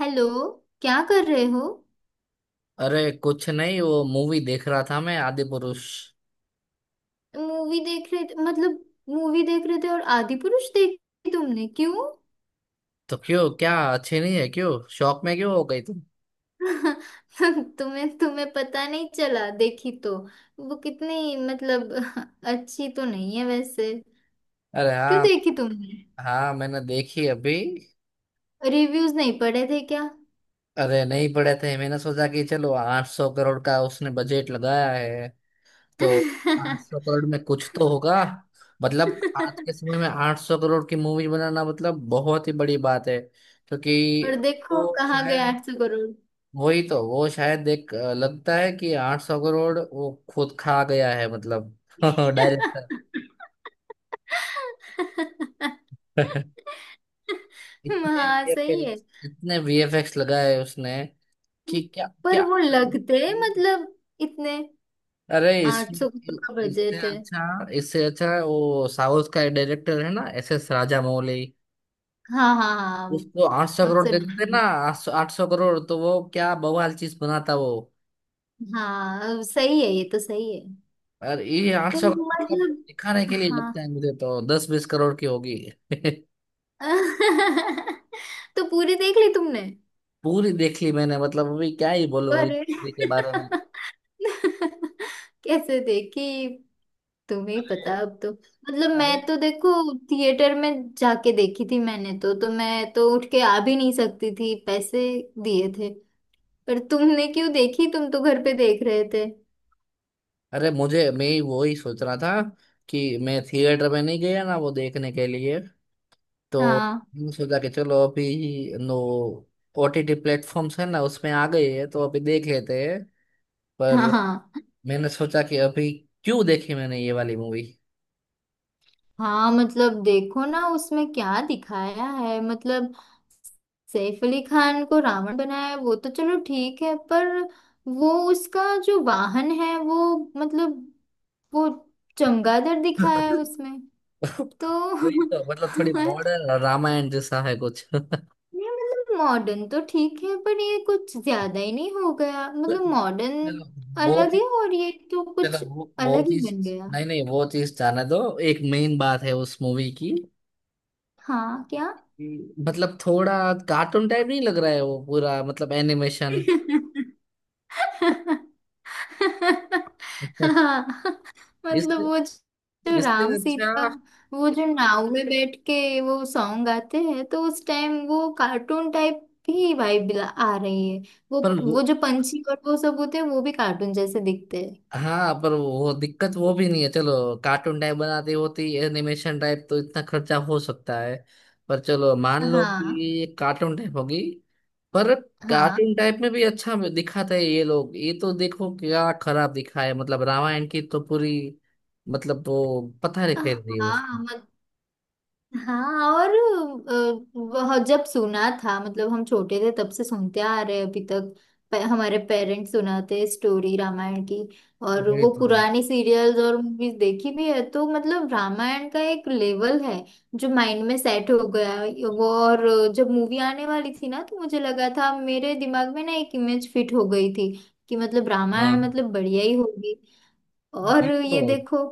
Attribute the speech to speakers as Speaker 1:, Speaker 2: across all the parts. Speaker 1: Hello. क्या कर रहे हो?
Speaker 2: अरे कुछ नहीं, वो मूवी देख रहा था मैं, आदि पुरुष।
Speaker 1: मूवी देख रहे थे मतलब? मूवी देख रहे थे और आदि पुरुष देखी तुमने क्यों?
Speaker 2: तो क्यों? क्या अच्छी नहीं है? क्यों शौक में क्यों हो गई तुम?
Speaker 1: तुम्हें तुम्हें पता नहीं चला, देखी तो। वो कितनी मतलब अच्छी तो नहीं है वैसे।
Speaker 2: अरे
Speaker 1: क्यों
Speaker 2: हाँ।
Speaker 1: देखी तुमने?
Speaker 2: हाँ, मैंने देखी अभी।
Speaker 1: रिव्यूज नहीं पढ़े थे क्या?
Speaker 2: अरे नहीं पड़े थे, मैंने सोचा कि चलो 800 करोड़ का उसने बजट लगाया है। तो, 800 करोड़ में कुछ तो होगा। मतलब आज के समय में 800 करोड़ की मूवी बनाना मतलब बहुत ही बड़ी बात है। क्योंकि
Speaker 1: और देखो,
Speaker 2: वो
Speaker 1: कहाँ गए
Speaker 2: शायद,
Speaker 1: 800 करोड़।
Speaker 2: वही तो वो शायद एक लगता है कि 800 करोड़ वो खुद खा गया है मतलब। डायरेक्टर। इतने
Speaker 1: हाँ, सही है।
Speaker 2: वीएफएक्स इतने वीएफएक्स लगाए उसने कि क्या
Speaker 1: पर
Speaker 2: क्या।
Speaker 1: वो लगते मतलब, इतने?
Speaker 2: अरे इससे,
Speaker 1: 800 करोड़ का
Speaker 2: इससे
Speaker 1: बजट है।
Speaker 2: अच्छा इससे अच्छा वो साउथ का डायरेक्टर है ना, एस एस राजा मौली।
Speaker 1: हाँ, हाँ, हाँ,
Speaker 2: उसको आठ सौ
Speaker 1: अब
Speaker 2: करोड़ दे देते
Speaker 1: सुना
Speaker 2: थे ना।
Speaker 1: है।
Speaker 2: 800 करोड़ तो वो क्या बवाल चीज बनाता वो।
Speaker 1: हाँ, अब सही है, ये तो सही है।
Speaker 2: और ये आठ
Speaker 1: तो
Speaker 2: सौ मतलब
Speaker 1: मतलब,
Speaker 2: दिखाने के लिए,
Speaker 1: हाँ।
Speaker 2: लगता है मुझे तो 10-20 करोड़ की होगी।
Speaker 1: तो पूरी देख ली तुमने?
Speaker 2: पूरी देख ली मैंने, मतलब अभी क्या ही बोलो इस
Speaker 1: अरे
Speaker 2: movie के बारे में।
Speaker 1: कैसे देखी? तुम्हें ही पता अब तो, मतलब,
Speaker 2: अरे,
Speaker 1: मैं तो देखो। थिएटर में जाके देखी थी मैंने, तो मैं तो उठ के आ भी नहीं सकती थी, पैसे दिए थे। पर तुमने क्यों देखी? तुम तो घर पे देख रहे थे।
Speaker 2: अरे मुझे, मैं ही वो ही सोच रहा था कि मैं थिएटर में नहीं गया ना वो देखने के लिए। तो
Speaker 1: हाँ,
Speaker 2: मैंने सोचा कि चलो अभी, नो, ओटीटी प्लेटफॉर्म्स है ना, उसमें आ गई है तो अभी देख लेते हैं। पर
Speaker 1: हाँ,
Speaker 2: मैंने सोचा कि अभी, क्यों देखी मैंने ये वाली मूवी?
Speaker 1: हाँ। मतलब देखो ना, उसमें क्या दिखाया है, मतलब। सैफ अली खान को रावण बनाया है, वो तो चलो ठीक है। पर वो उसका जो वाहन है वो, मतलब वो चमगादड़ दिखाया है उसमें।
Speaker 2: वही
Speaker 1: तो
Speaker 2: तो, मतलब थोड़ी मॉडर्न रामायण जैसा है कुछ।
Speaker 1: ये मतलब मॉडर्न तो ठीक है, पर ये कुछ ज्यादा ही नहीं हो गया मतलब? मॉडर्न
Speaker 2: चलो, बहुत
Speaker 1: अलग
Speaker 2: ही,
Speaker 1: है, और ये तो
Speaker 2: चलो
Speaker 1: कुछ
Speaker 2: वो
Speaker 1: अलग ही
Speaker 2: चीज,
Speaker 1: बन गया।
Speaker 2: नहीं नहीं, वो चीज जाने दो। एक मेन बात है उस मूवी की
Speaker 1: हाँ, क्या?
Speaker 2: कि मतलब थोड़ा कार्टून टाइप नहीं लग रहा है वो पूरा, मतलब एनिमेशन।
Speaker 1: हाँ मतलब,
Speaker 2: इससे,
Speaker 1: वो जो
Speaker 2: इससे
Speaker 1: राम सीता,
Speaker 2: अच्छा,
Speaker 1: वो जो नाव में बैठ के वो सॉन्ग गाते हैं, तो उस टाइम वो कार्टून टाइप भी वाइब आ रही है, वो।
Speaker 2: पर वो,
Speaker 1: वो जो पंछी और वो सब होते हैं वो भी कार्टून जैसे दिखते
Speaker 2: हाँ पर वो दिक्कत वो भी नहीं है, चलो। कार्टून टाइप बनाती होती एनिमेशन टाइप तो इतना खर्चा हो सकता है। पर चलो मान
Speaker 1: हैं।
Speaker 2: लो
Speaker 1: हाँ,
Speaker 2: कि कार्टून टाइप होगी। पर
Speaker 1: हाँ,
Speaker 2: कार्टून टाइप में भी अच्छा दिखाता है ये लोग। ये तो देखो क्या खराब दिखा है, मतलब रामायण की तो पूरी, मतलब वो पता नहीं फेर दी है उसको।
Speaker 1: हाँ, हाँ, और वह जब सुना था मतलब, हम छोटे थे तब से सुनते आ रहे हैं अभी तक। हमारे पेरेंट्स सुनाते स्टोरी रामायण की।
Speaker 2: तो
Speaker 1: और
Speaker 2: वही
Speaker 1: वो
Speaker 2: तो,
Speaker 1: पुरानी सीरियल्स और मूवीज देखी भी है, तो मतलब रामायण का एक लेवल है जो माइंड में सेट हो गया है। वो और जब मूवी आने वाली थी ना, तो मुझे लगा था, मेरे दिमाग में ना एक इमेज फिट हो गई थी कि मतलब रामायण
Speaker 2: हाँ
Speaker 1: मतलब बढ़िया ही होगी। और
Speaker 2: वही तो।
Speaker 1: ये देखो।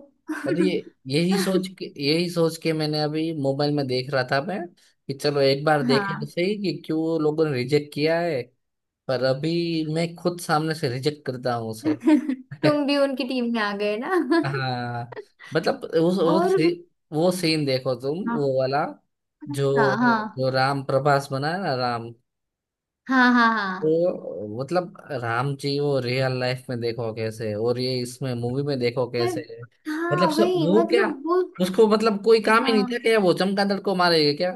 Speaker 2: अरे ये, यही सोच के मैंने अभी मोबाइल में देख रहा था मैं, कि चलो एक बार देखे तो
Speaker 1: हाँ।
Speaker 2: सही कि क्यों लोगों ने रिजेक्ट किया है। पर अभी मैं खुद सामने से रिजेक्ट करता हूँ उसे।
Speaker 1: तुम भी उनकी टीम में आ गए ना।
Speaker 2: हाँ, मतलब उस वो
Speaker 1: और,
Speaker 2: वो सीन देखो तुम,
Speaker 1: हाँ,
Speaker 2: वो वाला, जो,
Speaker 1: हाँ, हाँ,
Speaker 2: जो राम, प्रभास बना है ना राम,
Speaker 1: हाँ, हाँ, हाँ,
Speaker 2: वो मतलब राम जी, वो रियल लाइफ में देखो कैसे है, और ये इसमें मूवी में देखो
Speaker 1: मैं-
Speaker 2: कैसे है।
Speaker 1: हाँ,
Speaker 2: मतलब सर
Speaker 1: वही
Speaker 2: वो क्या,
Speaker 1: मतलब वो।
Speaker 2: उसको मतलब कोई काम ही नहीं
Speaker 1: हाँ,
Speaker 2: था क्या, वो चमगादड़ को मारेगा क्या?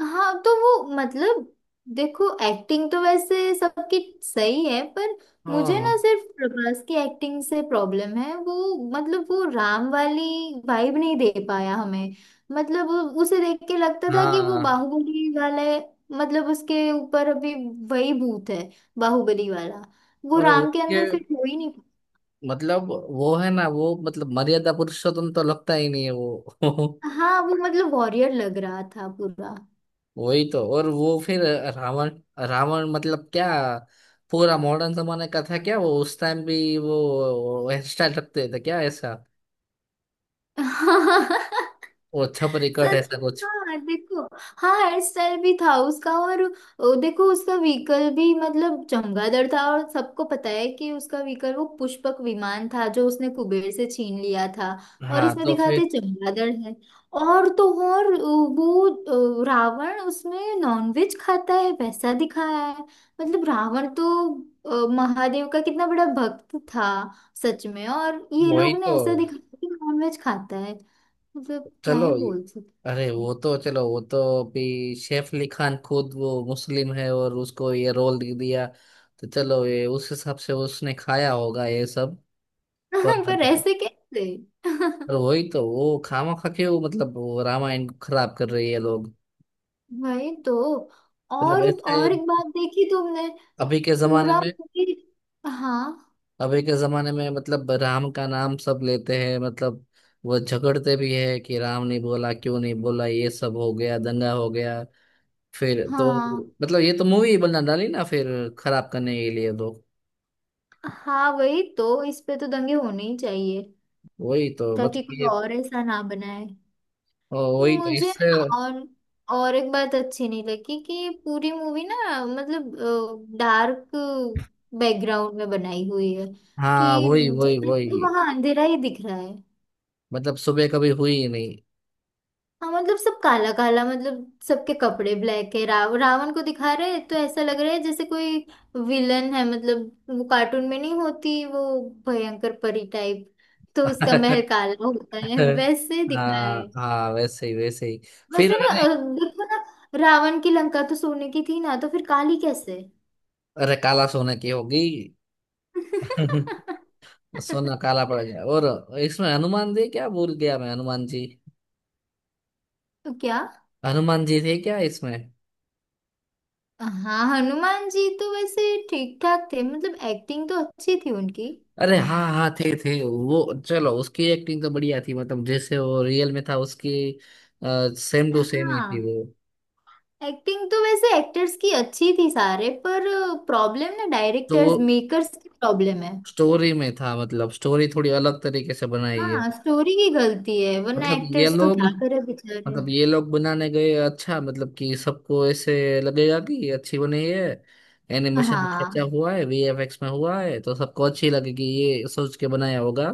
Speaker 1: हाँ, तो वो मतलब देखो, एक्टिंग तो वैसे सबकी सही है, पर मुझे
Speaker 2: हाँ।
Speaker 1: ना, सिर्फ प्रभास की एक्टिंग से प्रॉब्लम है। वो मतलब वो राम वाली वाइब नहीं दे पाया हमें। मतलब उसे देख के लगता था कि वो
Speaker 2: हाँ।
Speaker 1: बाहुबली वाला है। मतलब उसके ऊपर अभी वही भूत है, बाहुबली वाला। वो
Speaker 2: और
Speaker 1: राम के
Speaker 2: उसके,
Speaker 1: अंदर फिट हो ही नहीं।
Speaker 2: मतलब वो है ना वो, मतलब मर्यादा पुरुषोत्तम तो लगता ही नहीं है वो।
Speaker 1: हाँ, वो मतलब वॉरियर लग रहा था पूरा।
Speaker 2: वही तो, और वो फिर रावण, रावण मतलब क्या, पूरा मॉडर्न जमाने का था क्या वो? उस टाइम भी वो हेयर स्टाइल रखते थे क्या ऐसा, वो छपरी कट
Speaker 1: सच
Speaker 2: ऐसा
Speaker 1: में,
Speaker 2: कुछ?
Speaker 1: हाँ देखो। हाँ हेयर स्टाइल भी था उसका, और देखो उसका व्हीकल भी मतलब चमगादड़ था, और सबको पता है कि उसका व्हीकल वो पुष्पक विमान था, जो उसने कुबेर से छीन लिया था। और
Speaker 2: हाँ
Speaker 1: इसमें
Speaker 2: तो
Speaker 1: दिखाते
Speaker 2: फिर,
Speaker 1: चमगादड़ है। और तो और वो रावण उसमें नॉनवेज खाता है वैसा दिखाया है। मतलब रावण तो महादेव का कितना बड़ा भक्त था। सच में, और ये
Speaker 2: वही
Speaker 1: लोग ने
Speaker 2: तो।
Speaker 1: ऐसा दिखाया कि नॉनवेज खाता है। मतलब क्या
Speaker 2: चलो,
Speaker 1: ही बोल
Speaker 2: अरे
Speaker 1: सकते।
Speaker 2: वो तो, चलो वो तो, अभी, सैफ अली खान खुद वो मुस्लिम है और उसको ये रोल दे दिया, तो चलो ये उस हिसाब से उसने खाया होगा ये सब।
Speaker 1: पर
Speaker 2: पर
Speaker 1: ऐसे कैसे?
Speaker 2: पर वही तो, वो खामा खा के वो, मतलब वो रामायण को खराब कर रही है लोग।
Speaker 1: वही तो।
Speaker 2: मतलब
Speaker 1: और
Speaker 2: ऐसे,
Speaker 1: और एक बात देखी तुमने?
Speaker 2: अभी के जमाने
Speaker 1: पूरा
Speaker 2: में,
Speaker 1: movie- हाँ,
Speaker 2: अभी के जमाने में मतलब राम का नाम सब लेते हैं, मतलब वो झगड़ते भी है कि राम नहीं बोला क्यों नहीं बोला, ये सब हो गया, दंगा हो गया। फिर तो,
Speaker 1: हाँ,
Speaker 2: मतलब ये तो मूवी बना डाली ना फिर, खराब करने के लिए लोग।
Speaker 1: हाँ, वही तो। इस पे तो दंगे होने ही चाहिए,
Speaker 2: वही तो
Speaker 1: ताकि
Speaker 2: मतलब
Speaker 1: कोई
Speaker 2: ये,
Speaker 1: और ऐसा ना बनाए।
Speaker 2: ओ, वही तो
Speaker 1: मुझे
Speaker 2: इससे,
Speaker 1: ना, और एक बात अच्छी नहीं लगी, कि पूरी मूवी ना मतलब डार्क बैकग्राउंड में बनाई हुई है।
Speaker 2: हाँ,
Speaker 1: कि
Speaker 2: वही
Speaker 1: जब
Speaker 2: वही
Speaker 1: तक तो
Speaker 2: वही।
Speaker 1: वहां अंधेरा ही दिख रहा।
Speaker 2: मतलब सुबह कभी हुई ही नहीं।
Speaker 1: हाँ, मतलब सब काला काला, मतलब सबके कपड़े ब्लैक है, रावण को दिखा रहे हैं, तो ऐसा लग रहा है जैसे कोई विलन है, मतलब वो कार्टून में नहीं होती वो भयंकर परी टाइप, तो उसका महल काला होता है, वैसे दिखाया
Speaker 2: हाँ
Speaker 1: है।
Speaker 2: हाँ, वैसे ही वैसे ही। फिर
Speaker 1: वैसे ना,
Speaker 2: अरे,
Speaker 1: देखो ना, रावण की लंका तो सोने की थी ना, तो फिर काली कैसे?
Speaker 2: अरे काला, सोने की होगी, सोना काला पड़ गया। और इसमें हनुमान जी, क्या भूल गया मैं, हनुमान जी,
Speaker 1: तो क्या?
Speaker 2: हनुमान जी थे क्या इसमें?
Speaker 1: हाँ, हनुमान जी तो वैसे ठीक ठाक थे, मतलब एक्टिंग तो अच्छी थी उनकी।
Speaker 2: अरे हाँ हाँ, थे वो, चलो उसकी एक्टिंग तो बढ़िया थी, मतलब जैसे वो रियल में था उसकी सेम टू सेम ही थी
Speaker 1: हाँ,
Speaker 2: वो।
Speaker 1: एक्टिंग तो वैसे एक्टर्स की अच्छी थी सारे, पर प्रॉब्लम ना,
Speaker 2: तो वो
Speaker 1: डायरेक्टर्स मेकर्स की प्रॉब्लम है।
Speaker 2: स्टोरी में था, मतलब स्टोरी थोड़ी अलग तरीके से बनाई है।
Speaker 1: हाँ, स्टोरी की गलती है, वरना
Speaker 2: मतलब ये
Speaker 1: एक्टर्स तो
Speaker 2: लोग,
Speaker 1: क्या करे बेचारे।
Speaker 2: मतलब ये लोग बनाने गए अच्छा, मतलब कि सबको ऐसे लगेगा कि ये अच्छी बनी है, एनिमेशन में खर्चा
Speaker 1: हाँ,
Speaker 2: हुआ है, वीएफएक्स में हुआ है, तो सबको अच्छी लगेगी, ये सोच के बनाया होगा।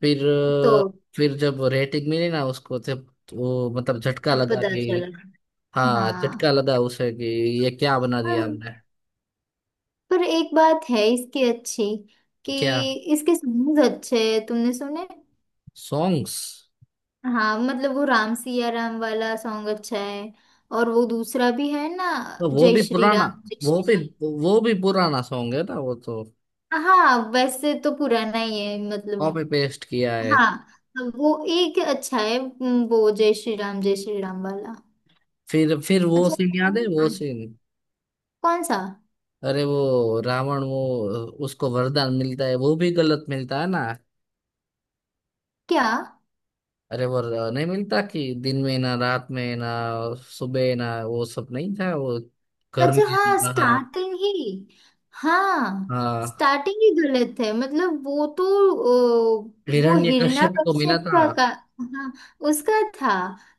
Speaker 2: फिर
Speaker 1: तो
Speaker 2: अ, फिर जब रेटिंग मिली ना उसको, तब वो मतलब झटका
Speaker 1: तब
Speaker 2: लगा
Speaker 1: पता चला।
Speaker 2: कि, हाँ, चटका
Speaker 1: हाँ।
Speaker 2: लगा उसे कि ये क्या बना दिया
Speaker 1: पर,
Speaker 2: हमने।
Speaker 1: पर एक बात है इसकी अच्छी, कि
Speaker 2: क्या?
Speaker 1: इसके सॉन्ग अच्छे हैं, तुमने सुने?
Speaker 2: सॉन्ग्स,
Speaker 1: हाँ मतलब, वो राम सिया राम वाला सॉन्ग अच्छा है। और वो दूसरा भी है ना,
Speaker 2: तो वो
Speaker 1: जय
Speaker 2: भी
Speaker 1: श्री
Speaker 2: पुराना,
Speaker 1: राम, जय
Speaker 2: वो भी,
Speaker 1: श्री
Speaker 2: वो भी पुराना सॉन्ग है ना वो तो,
Speaker 1: राम। हाँ, वैसे तो पुराना ही है
Speaker 2: कॉपी
Speaker 1: मतलब।
Speaker 2: पेस्ट किया है।
Speaker 1: हाँ, तो वो एक अच्छा है, वो जय श्री राम, जय श्री राम वाला।
Speaker 2: फिर वो
Speaker 1: अच्छा,
Speaker 2: सीन याद है वो सीन?
Speaker 1: कौन सा?
Speaker 2: अरे वो रावण, वो उसको वरदान मिलता है, वो भी गलत मिलता है ना।
Speaker 1: क्या?
Speaker 2: अरे वो नहीं मिलता कि दिन में ना रात में ना सुबह ना, वो सब नहीं था वो, घर में
Speaker 1: अच्छा,
Speaker 2: ना
Speaker 1: हाँ,
Speaker 2: बाहर।
Speaker 1: स्टार्टिंग ही। हाँ,
Speaker 2: हाँ,
Speaker 1: स्टार्टिंग ही गलत है, मतलब वो तो। ओ, वो
Speaker 2: हिरण्यकश्यप को मिला
Speaker 1: हिरण्यकश्यप
Speaker 2: था।
Speaker 1: का। हाँ, उसका था।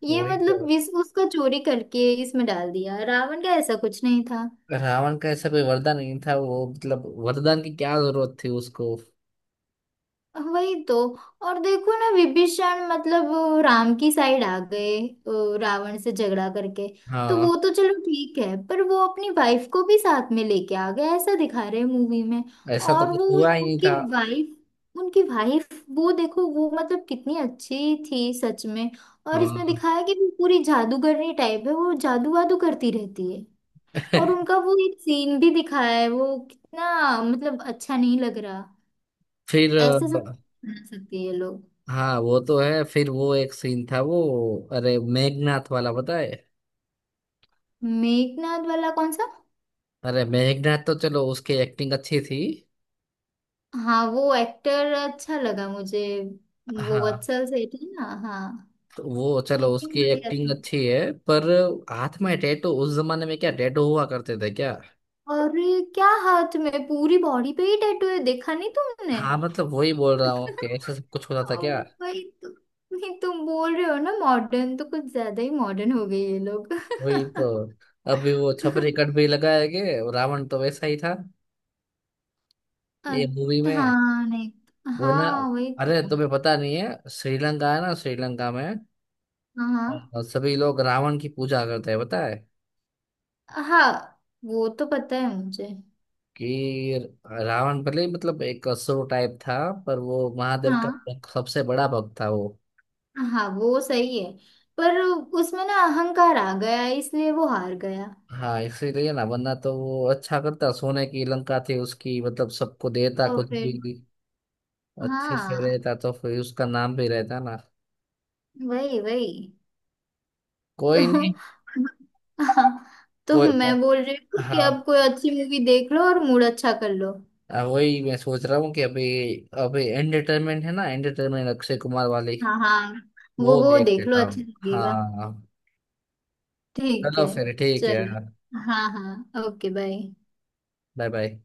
Speaker 1: ये
Speaker 2: वही तो।
Speaker 1: मतलब उसका चोरी करके इसमें डाल दिया, रावण का ऐसा कुछ नहीं था।
Speaker 2: रावण का ऐसा कोई वरदान नहीं था वो, मतलब वरदान की क्या जरूरत थी उसको?
Speaker 1: वही तो। और देखो ना, विभीषण मतलब वो राम की साइड आ गए, रावण से झगड़ा करके। तो
Speaker 2: हाँ,
Speaker 1: वो तो चलो ठीक है, पर वो अपनी वाइफ को भी साथ में लेके आ गया, ऐसा दिखा रहे हैं मूवी में।
Speaker 2: ऐसा तो
Speaker 1: और
Speaker 2: कुछ
Speaker 1: वो
Speaker 2: हुआ ही नहीं
Speaker 1: उनकी
Speaker 2: था।
Speaker 1: वाइफ उनकी वाइफ, वो देखो वो मतलब, कितनी अच्छी थी सच में। और इसमें
Speaker 2: हाँ,
Speaker 1: दिखाया कि वो पूरी जादूगरनी टाइप है, वो जादू वादू करती रहती है। और उनका वो एक सीन भी दिखाया है, वो कितना मतलब अच्छा नहीं लग।
Speaker 2: फिर
Speaker 1: ऐसे सब
Speaker 2: अ,
Speaker 1: बना सकती है लोग।
Speaker 2: हाँ वो तो है, फिर वो एक सीन था वो, अरे मेघनाथ वाला पता है?
Speaker 1: मेघनाथ वाला कौन सा?
Speaker 2: अरे मेघनाथ तो चलो उसकी एक्टिंग अच्छी थी।
Speaker 1: हाँ, वो एक्टर अच्छा लगा मुझे। वो
Speaker 2: हाँ,
Speaker 1: वत्सल सेठ है ना। हाँ,
Speaker 2: तो वो चलो
Speaker 1: एक्टिंग
Speaker 2: उसकी
Speaker 1: बढ़िया
Speaker 2: एक्टिंग
Speaker 1: थी।
Speaker 2: अच्छी है, पर हाथ में टैटू, उस जमाने में क्या टैटू हुआ करते थे क्या?
Speaker 1: अरे क्या, हाथ में? पूरी बॉडी पे ही टैटू है, देखा नहीं तुमने?
Speaker 2: हाँ मतलब वही बोल रहा हूँ कि ऐसा सब कुछ होता था
Speaker 1: ओ
Speaker 2: क्या?
Speaker 1: भाई, नहीं, तुम बोल रहे हो ना, मॉडर्न तो कुछ ज्यादा ही मॉडर्न हो गए ये लोग।
Speaker 2: वही तो, अभी वो छपरी कट भी लगाए गए, और रावण तो वैसा ही था
Speaker 1: अ,
Speaker 2: ये मूवी में,
Speaker 1: हाँ, नहीं,
Speaker 2: वो है ना।
Speaker 1: हाँ वही
Speaker 2: अरे
Speaker 1: तो।
Speaker 2: तुम्हें पता नहीं है, श्रीलंका है ना, श्रीलंका में
Speaker 1: हाँ,
Speaker 2: सभी लोग रावण की पूजा करते हैं पता है?
Speaker 1: हाँ, हाँ, वो तो पता है मुझे।
Speaker 2: कि रावण भले ही मतलब एक असुर टाइप था, पर वो महादेव का
Speaker 1: हाँ,
Speaker 2: सबसे बड़ा भक्त था वो।
Speaker 1: हाँ, वो सही है। पर उसमें ना अहंकार आ गया, इसलिए वो हार गया।
Speaker 2: हाँ इसीलिए ना, वरना तो वो अच्छा करता, सोने की लंका थी उसकी, मतलब सबको देता
Speaker 1: तो
Speaker 2: कुछ भी,
Speaker 1: फिर,
Speaker 2: अच्छे से
Speaker 1: हाँ,
Speaker 2: रहता, तो फिर उसका नाम भी रहता ना।
Speaker 1: वही, वही
Speaker 2: कोई नहीं,
Speaker 1: तो। हाँ, तो
Speaker 2: कोई,
Speaker 1: मैं बोल रही हूँ कि
Speaker 2: हाँ।
Speaker 1: अब कोई अच्छी मूवी देख लो और मूड अच्छा कर लो।
Speaker 2: हाँ, वही मैं सोच रहा हूँ कि अभी, अभी एंटरटेनमेंट है ना, एंटरटेनमेंट अक्षय कुमार वाली,
Speaker 1: हाँ, हाँ, वो
Speaker 2: वो
Speaker 1: वो
Speaker 2: देख
Speaker 1: देख लो,
Speaker 2: लेता
Speaker 1: अच्छा
Speaker 2: हूँ
Speaker 1: लगेगा।
Speaker 2: हाँ।
Speaker 1: ठीक
Speaker 2: चलो
Speaker 1: है,
Speaker 2: फिर ठीक है।
Speaker 1: चलो। हाँ, हाँ, ओके, बाय।
Speaker 2: Bye bye.